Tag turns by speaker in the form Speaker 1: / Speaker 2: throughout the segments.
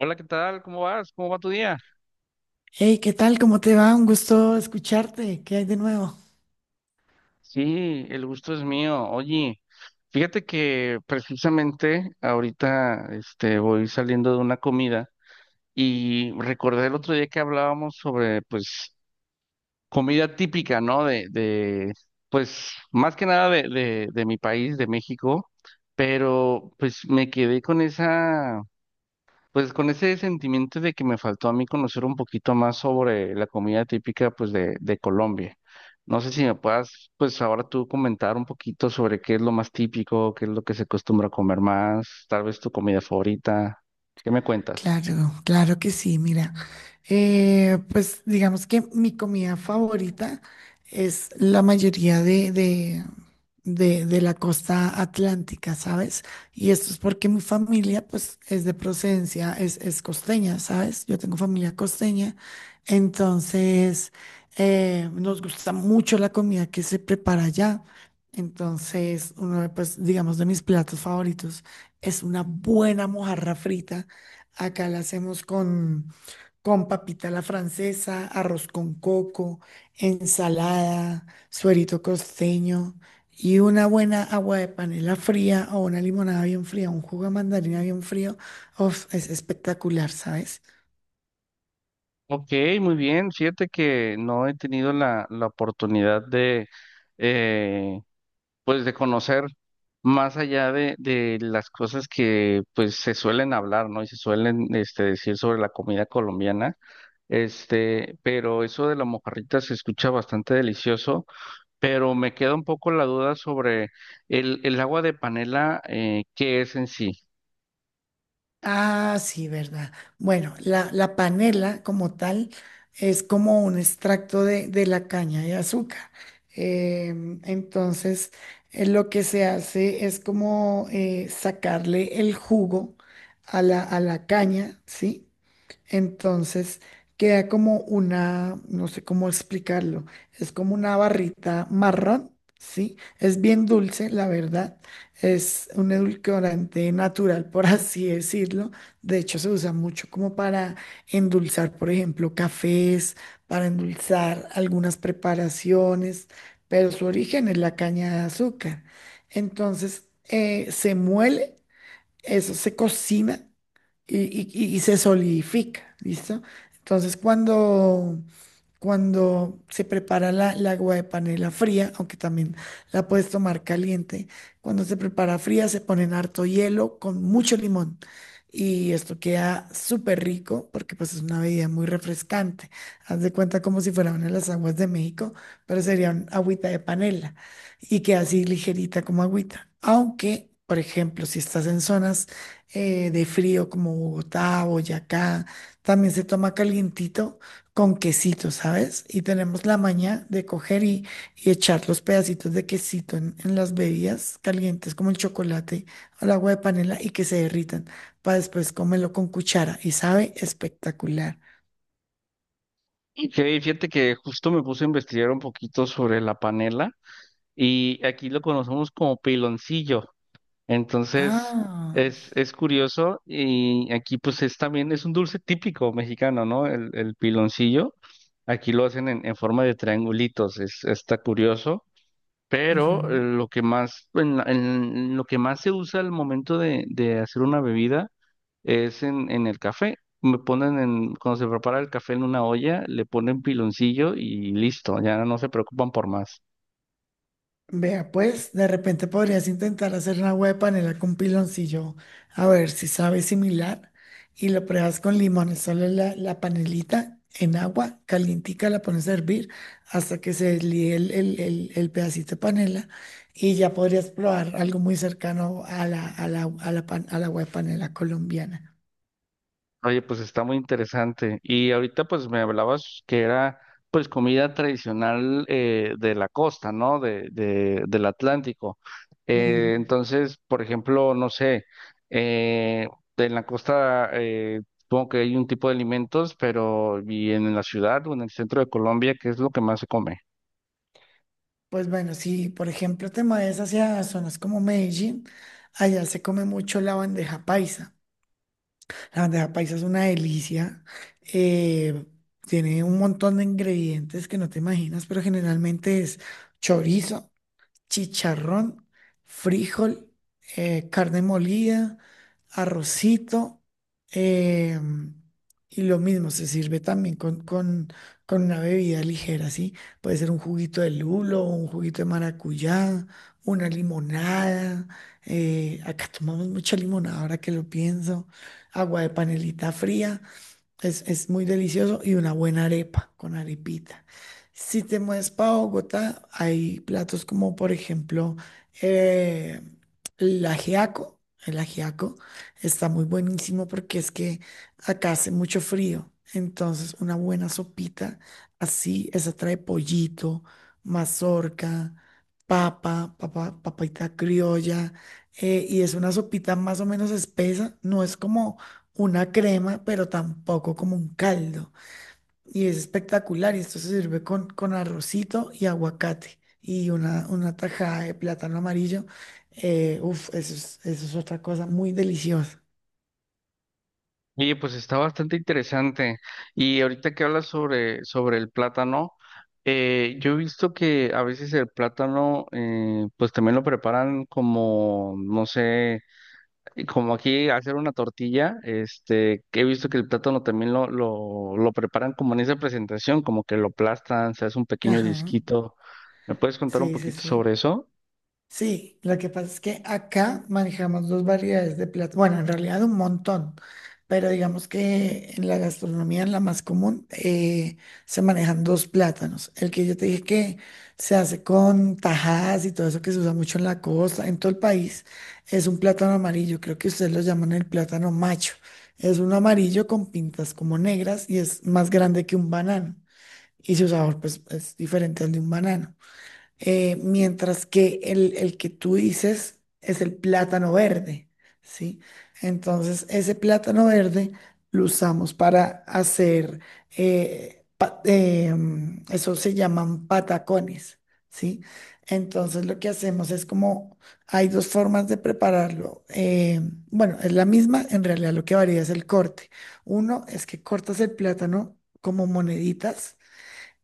Speaker 1: Hola, ¿qué tal? ¿Cómo vas? ¿Cómo va tu día?
Speaker 2: Hey, ¿qué tal? ¿Cómo te va? Un gusto escucharte. ¿Qué hay de nuevo?
Speaker 1: Sí, el gusto es mío. Oye, fíjate que precisamente ahorita voy saliendo de una comida y recordé el otro día que hablábamos sobre comida típica, ¿no? De pues más que nada de mi país, de México, pero pues me quedé con esa Pues con ese sentimiento de que me faltó a mí conocer un poquito más sobre la comida típica pues de Colombia. No sé si me puedas pues ahora tú comentar un poquito sobre qué es lo más típico, qué es lo que se acostumbra a comer más, tal vez tu comida favorita. ¿Qué me cuentas?
Speaker 2: Claro, claro que sí, mira. Pues digamos que mi comida favorita es la mayoría de la costa atlántica, ¿sabes? Y esto es porque mi familia pues es de procedencia, es costeña, ¿sabes? Yo tengo familia costeña. Entonces nos gusta mucho la comida que se prepara allá. Entonces, uno de, pues, digamos, de mis platos favoritos es una buena mojarra frita. Acá la hacemos con papita a la francesa, arroz con coco, ensalada, suerito costeño y una buena agua de panela fría o una limonada bien fría, un jugo de mandarina bien frío. Uf, es espectacular, ¿sabes?
Speaker 1: Ok, muy bien. Fíjate que no he tenido la oportunidad de, eh, pues, de conocer más allá de las cosas que, pues, se suelen hablar, ¿no? Y se suelen, decir sobre la comida colombiana. Pero eso de la mojarrita se escucha bastante delicioso, pero me queda un poco la duda sobre el agua de panela, ¿qué es en sí?
Speaker 2: Ah, sí, verdad. Bueno, la panela como tal es como un extracto de la caña de azúcar. Entonces, lo que se hace es como sacarle el jugo a la caña, ¿sí? Entonces queda como una, no sé cómo explicarlo, es como una barrita marrón, ¿sí? Es bien dulce, la verdad. Es un edulcorante natural, por así decirlo. De hecho, se usa mucho como para endulzar, por ejemplo, cafés, para endulzar algunas preparaciones, pero su origen es la caña de azúcar. Entonces, se muele, eso se cocina y, y se solidifica, ¿listo? Entonces, cuando, cuando se prepara la, el agua de panela fría, aunque también la puedes tomar caliente, cuando se prepara fría se ponen harto hielo con mucho limón. Y esto queda súper rico porque pues es una bebida muy refrescante. Haz de cuenta como si fuera una de las aguas de México, pero sería un agüita de panela y queda así ligerita como agüita. Aunque, por ejemplo, si estás en zonas de frío como Bogotá, Boyacá, también se toma calientito con quesito, ¿sabes? Y tenemos la maña de coger y echar los pedacitos de quesito en las bebidas calientes como el chocolate al agua de panela y que se derritan para después comerlo con cuchara y sabe espectacular.
Speaker 1: Y que fíjate que justo me puse a investigar un poquito sobre la panela y aquí lo conocemos como piloncillo. Entonces,
Speaker 2: Ah.
Speaker 1: es curioso y aquí pues es también, es un dulce típico mexicano, ¿no? El piloncillo. Aquí lo hacen en forma de triangulitos, es, está curioso. Pero lo que más, en lo que más se usa al momento de hacer una bebida es en el café. Me ponen en, cuando se prepara el café en una olla, le ponen piloncillo y listo, ya no se preocupan por más.
Speaker 2: Vea, pues, de repente podrías intentar hacer una huepa de panela con piloncillo, a ver si sabe similar, y lo pruebas con limón, solo la, la panelita en agua calientica, la pones a hervir hasta que se deslíe el, el pedacito de panela, y ya podrías probar algo muy cercano a la, a la, a la, pan- a la huepa de panela colombiana.
Speaker 1: Oye, pues está muy interesante. Y ahorita pues me hablabas que era pues comida tradicional de la costa, ¿no? Del Atlántico.
Speaker 2: Ujú.
Speaker 1: Entonces, por ejemplo, no sé, eh, en la costa supongo que hay un tipo de alimentos, pero y en la ciudad o en el centro de Colombia, ¿qué es lo que más se come?
Speaker 2: Pues bueno, si por ejemplo te mueves hacia zonas como Medellín, allá se come mucho la bandeja paisa. La bandeja paisa es una delicia. eh, Tiene un montón de ingredientes que no te imaginas, pero generalmente es chorizo, chicharrón, frijol, carne molida, arrocito. eh, y lo mismo se sirve también con, con una bebida ligera, ¿sí? Puede ser un juguito de lulo, un juguito de maracuyá, una limonada. Acá tomamos mucha limonada ahora que lo pienso. Agua de panelita fría. Es muy delicioso y una buena arepa con arepita. Si te mueves para Bogotá, hay platos como, por ejemplo, eh, el ajiaco. El ajiaco está muy buenísimo porque es que acá hace mucho frío. Entonces, una buena sopita así, esa trae pollito, mazorca, papa, papa, papita criolla. Y es una sopita más o menos espesa. No es como una crema, pero tampoco como un caldo. Y es espectacular. Y esto se sirve con arrocito y aguacate y una tajada de plátano amarillo. Uf, eso es otra cosa muy deliciosa.
Speaker 1: Oye, pues está bastante interesante. Y ahorita que hablas sobre el plátano, yo he visto que a veces el plátano, pues también lo preparan como, no sé, como aquí hacer una tortilla, que he visto que el plátano también lo preparan como en esa presentación, como que lo aplastan, se hace un pequeño
Speaker 2: Ajá.
Speaker 1: disquito. ¿Me puedes contar un
Speaker 2: Sí, sí,
Speaker 1: poquito
Speaker 2: sí.
Speaker 1: sobre eso?
Speaker 2: Sí, lo que pasa es que acá manejamos dos variedades de platos, bueno, en realidad un montón, pero digamos que en la gastronomía, en la más común, se manejan dos plátanos. El que yo te dije que se hace con tajadas y todo eso que se usa mucho en la costa, en todo el país, es un plátano amarillo, creo que ustedes lo llaman el plátano macho. Es un amarillo con pintas como negras y es más grande que un banano y su sabor pues es diferente al de un banano. Mientras que el que tú dices es el plátano verde, ¿sí? Entonces, ese plátano verde lo usamos para hacer, eso se llaman patacones, ¿sí? Entonces, lo que hacemos es como, hay dos formas de prepararlo. Bueno, es la misma, en realidad lo que varía es el corte. Uno es que cortas el plátano como moneditas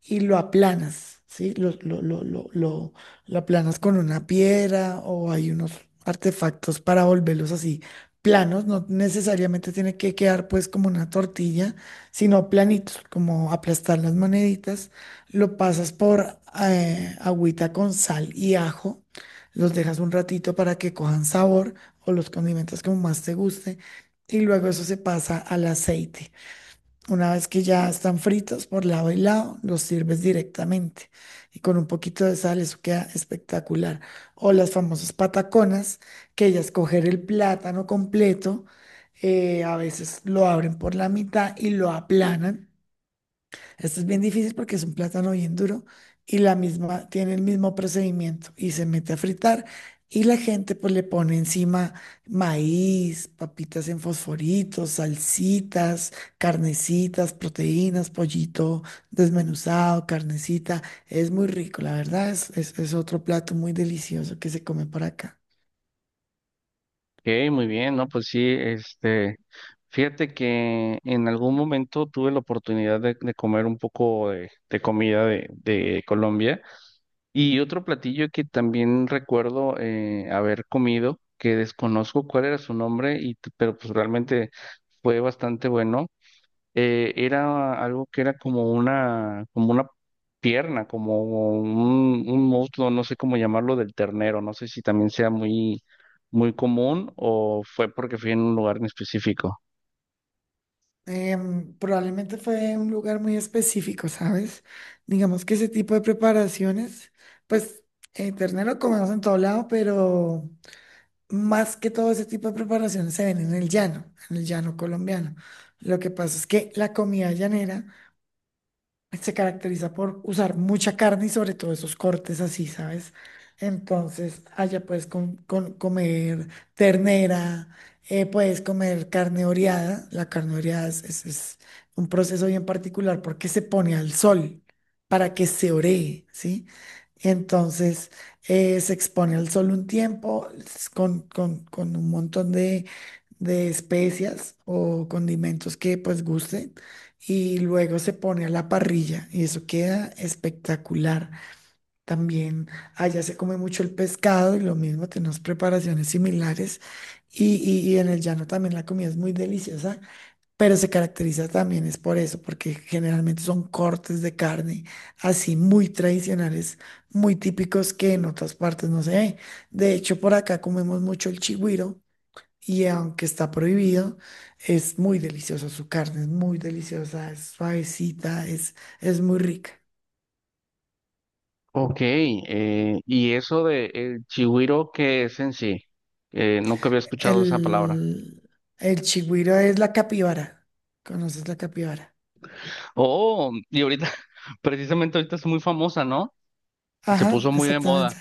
Speaker 2: y lo aplanas, ¿sí? Lo aplanas con una piedra o hay unos artefactos para volverlos así planos, no necesariamente tiene que quedar pues como una tortilla, sino planitos, como aplastar las moneditas, lo pasas por agüita con sal y ajo, los dejas un ratito para que cojan sabor o los condimentos como más te guste y luego eso se pasa al aceite. Una vez que ya están fritos por lado y lado, los sirves directamente y con un poquito de sal, eso queda espectacular. O las famosas pataconas, que ya es coger el plátano completo, a veces lo abren por la mitad y lo aplanan. Esto es bien difícil porque es un plátano bien duro y la misma, tiene el mismo procedimiento y se mete a fritar y la gente pues le pone encima maíz, papitas en fosforitos, salsitas, carnecitas, proteínas, pollito desmenuzado, carnecita. Es muy rico, la verdad, es es otro plato muy delicioso que se come por acá.
Speaker 1: Ok, muy bien, ¿no? Pues sí, fíjate que en algún momento tuve la oportunidad de comer un poco de comida de Colombia y otro platillo que también recuerdo haber comido, que desconozco cuál era su nombre, pero pues realmente fue bastante bueno, era algo que era como una pierna, como un muslo, no sé cómo llamarlo, del ternero, no sé si también sea muy, muy común o fue porque fui en un lugar en específico.
Speaker 2: Probablemente fue un lugar muy específico, ¿sabes? Digamos que ese tipo de preparaciones, pues ternero comemos en todo lado, pero más que todo ese tipo de preparaciones se ven en el llano colombiano. Lo que pasa es que la comida llanera se caracteriza por usar mucha carne y sobre todo esos cortes así, ¿sabes? Entonces, allá puedes comer ternera, puedes comer carne oreada. La carne oreada es un proceso bien particular porque se pone al sol para que se oree, ¿sí? Entonces, se expone al sol un tiempo con, con un montón de especias o condimentos que pues guste y luego se pone a la parrilla y eso queda espectacular. También allá se come mucho el pescado y lo mismo, tenemos preparaciones similares y, y en el llano también la comida es muy deliciosa, pero se caracteriza también es por eso, porque generalmente son cortes de carne así muy tradicionales, muy típicos que en otras partes no se ve. De hecho, por acá comemos mucho el chigüiro y aunque está prohibido, es muy deliciosa su carne, es muy deliciosa, es suavecita, es muy rica.
Speaker 1: Ok, y eso de el chigüiro, ¿qué es en sí? Nunca había escuchado esa palabra.
Speaker 2: El, el chigüiro es la capibara. ¿Conoces la capibara?
Speaker 1: Oh, y ahorita, precisamente ahorita es muy famosa, ¿no? Se
Speaker 2: Ajá,
Speaker 1: puso muy de
Speaker 2: exactamente.
Speaker 1: moda.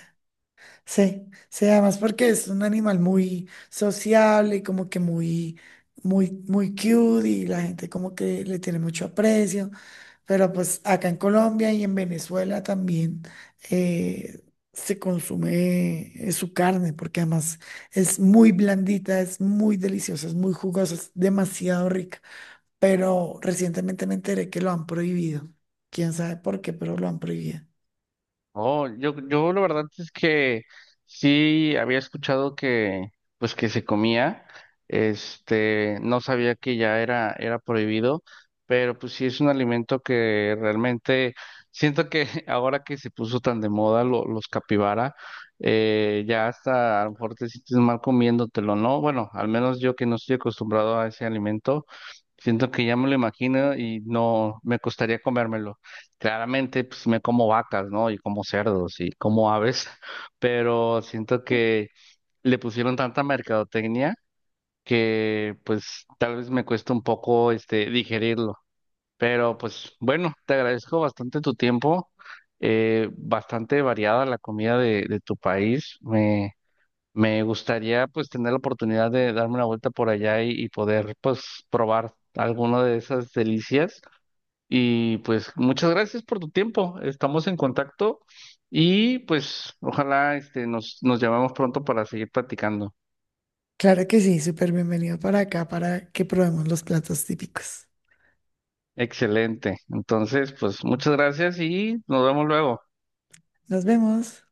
Speaker 2: Sí, sí, además porque es un animal muy sociable y como que muy, muy, muy cute y la gente como que le tiene mucho aprecio. Pero pues acá en Colombia y en Venezuela también eh, se consume su carne, porque además es muy blandita, es muy deliciosa, es muy jugosa, es demasiado rica. Pero recientemente me enteré que lo han prohibido. Quién sabe por qué, pero lo han prohibido.
Speaker 1: Oh, yo la verdad es que sí había escuchado pues que se comía, no sabía que ya era prohibido, pero pues sí es un alimento que realmente siento que ahora que se puso tan de moda los capibara, ya hasta a lo mejor te sientes mal comiéndotelo, ¿no? Bueno, al menos yo que no estoy acostumbrado a ese alimento, siento que ya me lo imagino y no me costaría comérmelo. Claramente, pues me como vacas, ¿no? Y como cerdos y como aves, pero siento que le pusieron tanta mercadotecnia que pues tal vez me cuesta un poco digerirlo. Pero pues bueno, te agradezco bastante tu tiempo, bastante variada la comida de tu país. Me gustaría pues tener la oportunidad de darme una vuelta por allá y poder pues probar alguna de esas delicias. Y pues muchas gracias por tu tiempo. Estamos en contacto y pues ojalá nos llamemos pronto para seguir platicando.
Speaker 2: Claro que sí, súper bienvenido para acá para que probemos los platos típicos.
Speaker 1: Excelente. Entonces, pues muchas gracias y nos vemos luego.
Speaker 2: Nos vemos.